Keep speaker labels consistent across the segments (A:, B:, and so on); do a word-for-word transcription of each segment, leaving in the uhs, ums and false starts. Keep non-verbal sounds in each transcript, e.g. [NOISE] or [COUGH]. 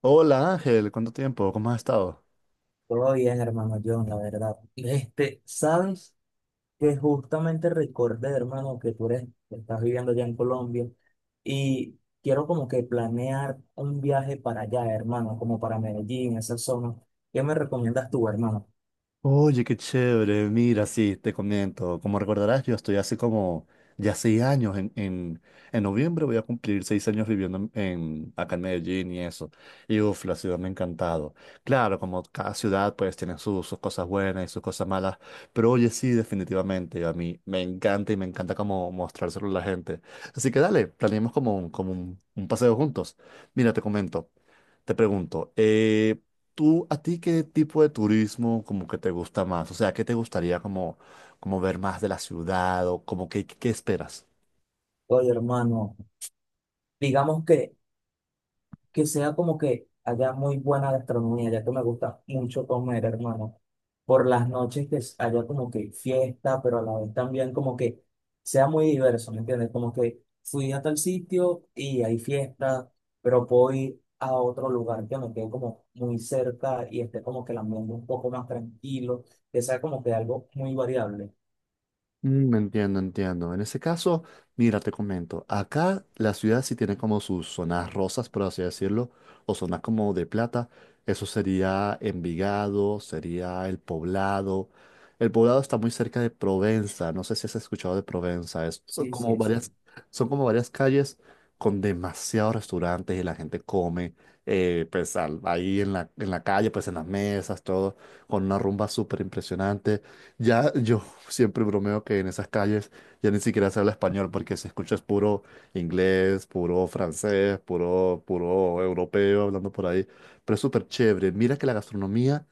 A: Hola Ángel, ¿cuánto tiempo? ¿Cómo has estado?
B: Todo bien, hermano John, la verdad. Este, sabes que justamente recordé, hermano, que tú eres, que estás viviendo allá en Colombia y quiero como que planear un viaje para allá, hermano, como para Medellín, esa zona. ¿Qué me recomiendas tú, hermano?
A: Oye, qué chévere. Mira, sí, te comento. Como recordarás, yo estoy hace como ya seis años. En, en, en noviembre voy a cumplir seis años viviendo en, en- acá en Medellín y eso. Y uff, la ciudad me ha encantado. Claro, como cada ciudad pues tiene sus sus cosas buenas y sus cosas malas. Pero oye, sí, definitivamente. A mí me encanta y me encanta como mostrárselo a la gente. Así que dale, planeemos como un, como un un paseo juntos. Mira, te comento. Te pregunto, eh, ¿tú a ti qué tipo de turismo como que te gusta más? O sea, ¿qué te gustaría como, como ver más de la ciudad o como que qué qué esperas?
B: Oye, hermano, digamos que que sea como que haya muy buena gastronomía, ya que me gusta mucho comer, hermano. Por las noches que s- haya como que fiesta, pero a la vez también como que sea muy diverso, ¿me entiendes? Como que fui a tal sitio y hay fiesta, pero puedo ir a otro lugar que me quede como muy cerca y esté como que el ambiente un poco más tranquilo, que sea como que algo muy variable.
A: Mm, Entiendo, entiendo. En ese caso, mira, te comento, acá la ciudad sí tiene como sus zonas rosas, por así decirlo, o zonas como de plata. Eso sería Envigado, sería El Poblado. El Poblado está muy cerca de Provenza, no sé si has escuchado de Provenza, es
B: Sí,
A: como
B: sí, sí.
A: varias, son como varias calles con demasiados restaurantes y la gente come, eh, pues al- ahí en la, en la calle, pues en las mesas, todo, con una rumba súper impresionante. Ya yo siempre bromeo que en esas calles ya ni siquiera se habla español porque se escucha es puro inglés, puro francés, puro, puro europeo hablando por ahí. Pero es súper chévere. Mira que la gastronomía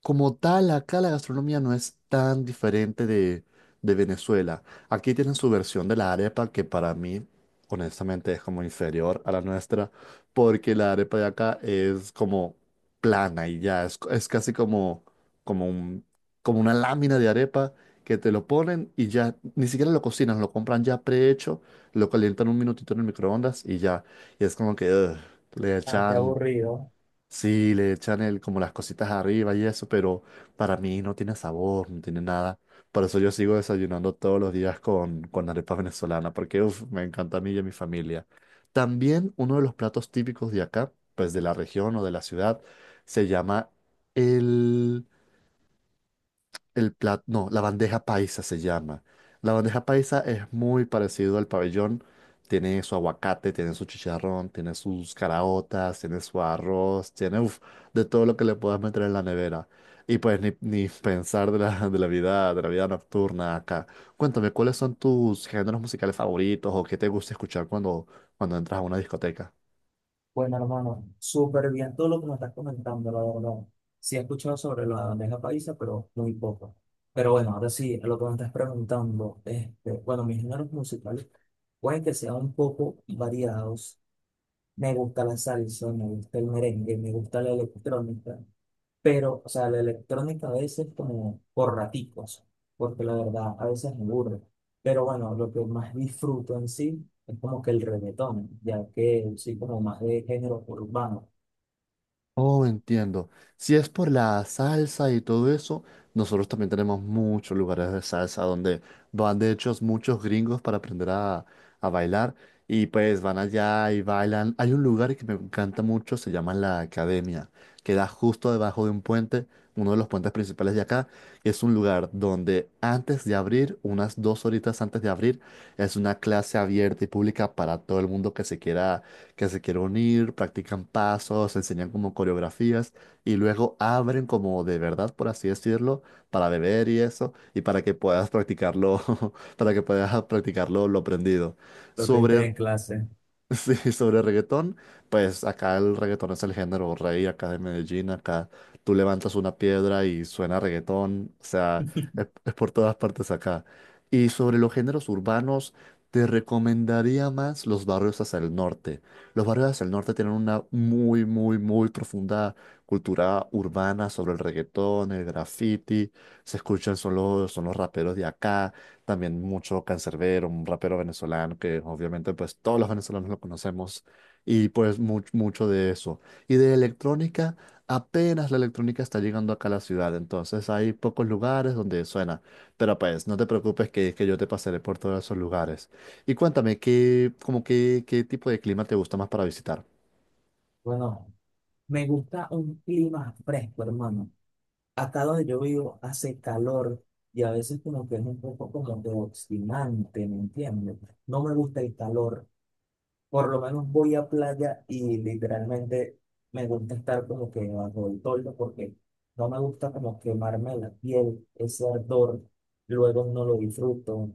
A: como tal, acá la gastronomía no es tan diferente de, de Venezuela. Aquí tienen su versión de la arepa, que para mí, honestamente, es como inferior a la nuestra, porque la arepa de acá es como plana y ya, es, es casi como, como un, como una lámina de arepa que te lo ponen y ya, ni siquiera lo cocinan, lo compran ya prehecho, lo calientan un minutito en el microondas y ya, y es como que ugh, le
B: Ah, qué
A: echan
B: aburrido.
A: Sí, le echan el, como las cositas arriba y eso, pero para mí no tiene sabor, no tiene nada. Por eso yo sigo desayunando todos los días con, con arepa venezolana, porque uf, me encanta a mí y a mi familia. También uno de los platos típicos de acá, pues de la región o de la ciudad, se llama el el plato, no, la bandeja paisa se llama. La bandeja paisa es muy parecido al pabellón. Tiene su aguacate, tiene su chicharrón, tiene sus caraotas, tiene su arroz, tiene uf, de todo lo que le puedas meter en la nevera. Y pues ni, ni pensar de la, de la vida, de la vida nocturna acá. Cuéntame, ¿cuáles son tus géneros musicales favoritos o qué te gusta escuchar cuando, cuando entras a una discoteca?
B: Bueno, hermano, súper bien todo lo que me estás comentando, la verdad. Sí he escuchado sobre la bandeja paisa, pero muy poco. Pero bueno, ahora sí, lo que me estás preguntando, este, bueno, mis géneros musicales pueden que sean un poco variados. Me gusta la salsa, me gusta el merengue, me gusta la electrónica, pero, o sea, la electrónica a veces como por raticos, porque la verdad a veces me aburre. Pero bueno, lo que más disfruto en sí es como que el reggaetón, ya que sí como más de género urbano,
A: Oh, entiendo. Si es por la salsa y todo eso, nosotros también tenemos muchos lugares de salsa donde van de hecho muchos gringos para aprender a, a bailar y pues van allá y bailan. Hay un lugar que me encanta mucho, se llama La Academia, queda justo debajo de un puente, uno de los puentes principales de acá. Y es un lugar donde antes de abrir, unas dos horitas antes de abrir, es una clase abierta y pública para todo el mundo que se quiera que se quieren unir, practican pasos, enseñan como coreografías y luego abren como de verdad, por así decirlo, para beber y eso, y para que puedas practicarlo, [LAUGHS] para que puedas practicarlo lo aprendido.
B: lo que viste
A: Sobre
B: en clase.
A: [LAUGHS] Sí, sobre reggaetón, pues acá el reggaetón es el género rey acá de Medellín, acá tú levantas una piedra y suena reggaetón, o sea, es, es por todas partes acá. Y sobre los géneros urbanos, te recomendaría más los barrios hacia el norte. Los barrios hacia el norte tienen una muy, muy, muy profunda cultura urbana sobre el reggaetón, el graffiti, se escuchan, son los, son los raperos de acá. También mucho Canserbero, un rapero venezolano que obviamente pues todos los venezolanos lo conocemos y pues much- mucho de eso. Y de electrónica, apenas la electrónica está llegando acá a la ciudad, entonces hay pocos lugares donde suena. Pero pues no te preocupes que, que yo te pasaré por todos esos lugares. Y cuéntame, ¿qué, como qué, qué tipo de clima te gusta más para visitar?
B: Bueno, me gusta un clima fresco, hermano. Acá donde yo vivo hace calor y a veces como que es un poco como de obstinante, ¿me entiendes? No me gusta el calor. Por lo menos voy a playa y literalmente me gusta estar como que bajo el toldo porque no me gusta como quemarme la piel, ese ardor, luego no lo disfruto,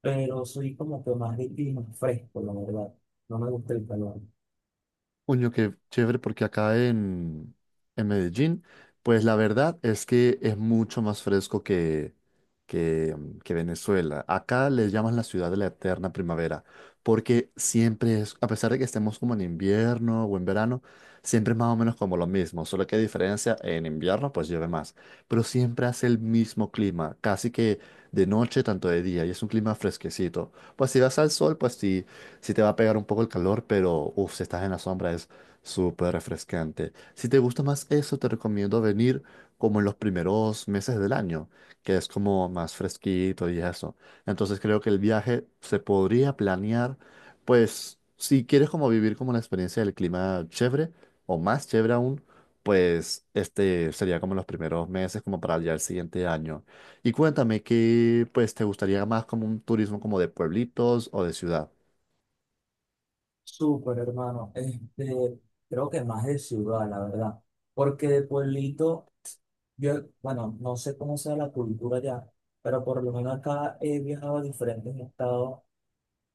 B: pero soy como que más de clima fresco, la verdad. No me gusta el calor.
A: Coño, qué chévere, porque acá en, en Medellín, pues la verdad es que es mucho más fresco que, que, mm, que Venezuela. Acá le llaman la ciudad de la eterna primavera, porque siempre es, a pesar de que estemos como en invierno o en verano, siempre es más o menos como lo mismo, solo que hay diferencia, en invierno pues llueve más, pero siempre hace el mismo clima, casi que de noche, tanto de día, y es un clima fresquecito. Pues si vas al sol, pues sí sí te va a pegar un poco el calor, pero uff, si estás en la sombra es súper refrescante. Si te gusta más eso, te recomiendo venir como en los primeros meses del año, que es como más fresquito y eso. Entonces creo que el viaje se podría planear, pues si quieres como vivir como la experiencia del clima chévere o más chévere aún, pues este sería como los primeros meses como para ya el siguiente año. Y cuéntame qué pues te gustaría más como un turismo como de pueblitos o de ciudad.
B: Súper, hermano. Este, creo que más de ciudad, la verdad. Porque de pueblito, yo, bueno, no sé cómo sea la cultura allá, pero por lo menos acá he viajado a diferentes estados.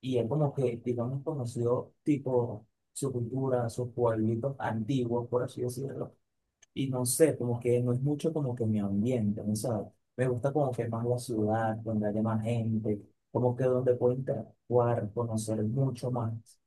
B: Y es como que, digamos, conoció tipo su cultura, sus pueblitos antiguos, por así decirlo. Y no sé, como que no es mucho como que mi ambiente, ¿no sabes? Me gusta como que más la ciudad, donde haya más gente, como que donde puedo interactuar, conocer mucho más.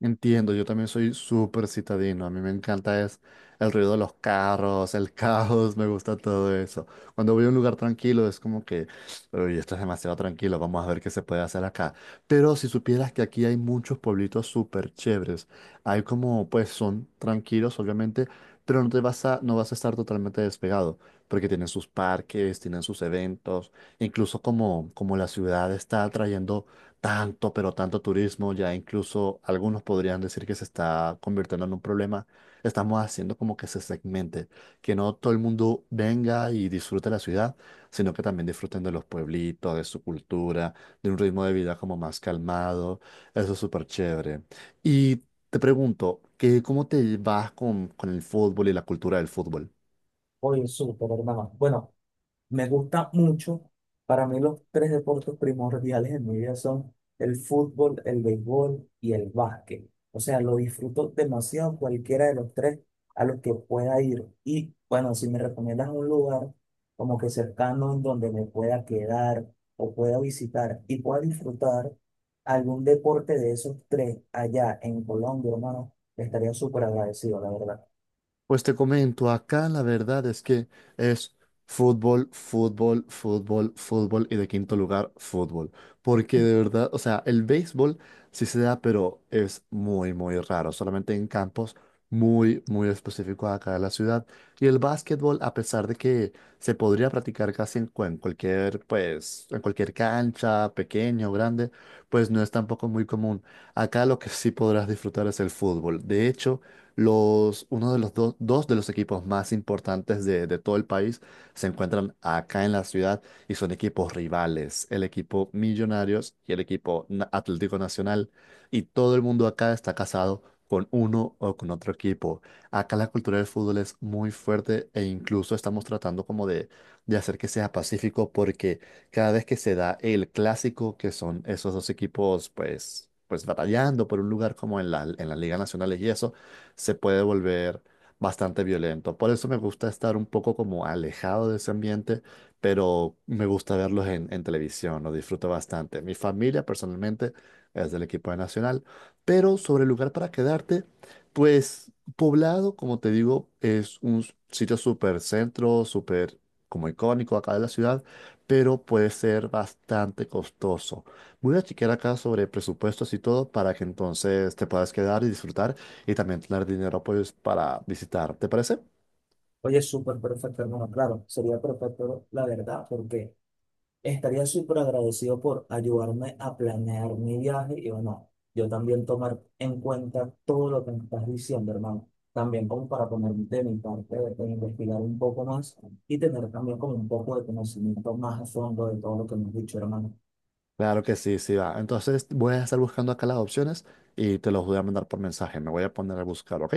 A: Entiendo, yo también soy súper citadino. A mí me encanta es el ruido de los carros, el [LAUGHS] caos, me gusta todo eso. Cuando voy a un lugar tranquilo es como que, uy, esto es demasiado tranquilo, vamos a ver qué se puede hacer acá. Pero si supieras que aquí hay muchos pueblitos súper chéveres, hay como, pues son tranquilos, obviamente, pero no te vas a, no vas a estar totalmente despegado, porque tienen sus parques, tienen sus eventos, incluso como, como la ciudad está atrayendo tanto, pero tanto turismo, ya incluso algunos podrían decir que se está convirtiendo en un problema. Estamos haciendo como que se segmente, que no todo el mundo venga y disfrute la ciudad, sino que también disfruten de los pueblitos, de su cultura, de un ritmo de vida como más calmado. Eso es súper chévere. Y te pregunto, ¿qué, cómo te vas con, con el fútbol y la cultura del fútbol?
B: Oye, súper, hermano. Bueno, me gusta mucho. Para mí los tres deportes primordiales en mi vida son el fútbol, el béisbol y el básquet. O sea, lo disfruto demasiado cualquiera de los tres a los que pueda ir. Y bueno, si me recomiendas un lugar como que cercano en donde me pueda quedar o pueda visitar y pueda disfrutar algún deporte de esos tres allá en Colombia, hermano, estaría súper agradecido, la verdad.
A: Pues te comento, acá la verdad es que es fútbol, fútbol, fútbol, fútbol y de quinto lugar, fútbol. Porque de verdad, o sea, el béisbol sí se da, pero es muy, muy raro, solamente en campos muy, muy específicos acá de la ciudad. Y el básquetbol, a pesar de que se podría practicar casi en, cu- en cualquier, pues, en cualquier cancha, pequeño o grande, pues no es tampoco muy común. Acá lo que sí podrás disfrutar es el fútbol. De hecho, los, uno de los do- dos de los equipos más importantes de, de todo el país se encuentran acá en la ciudad y son equipos rivales, el equipo Millonarios y el equipo Na- Atlético Nacional. Y todo el mundo acá está casado con uno o con otro equipo. Acá la cultura del fútbol es muy fuerte e incluso estamos tratando como de, de hacer que sea pacífico porque cada vez que se da el clásico, que son esos dos equipos pues, pues batallando por un lugar como en la, en las ligas nacionales y eso, se puede volver bastante violento. Por eso me gusta estar un poco como alejado de ese ambiente, pero me gusta verlos en, en televisión, lo disfruto bastante. Mi familia personalmente es del equipo de Nacional, pero sobre el lugar para quedarte, pues Poblado, como te digo, es un sitio súper centro, súper como icónico acá de la ciudad, pero puede ser bastante costoso. Voy a chequear acá sobre presupuestos y todo para que entonces te puedas quedar y disfrutar y también tener dinero pues para visitar. ¿Te parece?
B: Oye, súper perfecto, hermano. Claro, sería perfecto, la verdad, porque... Estaría súper agradecido por ayudarme a planear mi viaje y bueno, yo también tomar en cuenta todo lo que me estás diciendo, hermano. También como para poner de mi parte, de investigar un poco más y tener también como un poco de conocimiento más a fondo de todo lo que me has dicho, hermano.
A: Claro que sí, sí va. Entonces voy a estar buscando acá las opciones y te los voy a mandar por mensaje. Me voy a poner a buscar, ¿ok?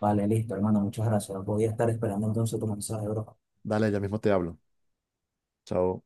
B: Vale, listo, hermano, muchas gracias. Voy a estar esperando entonces tu mensaje, bro.
A: Dale, ya mismo te hablo. Chao.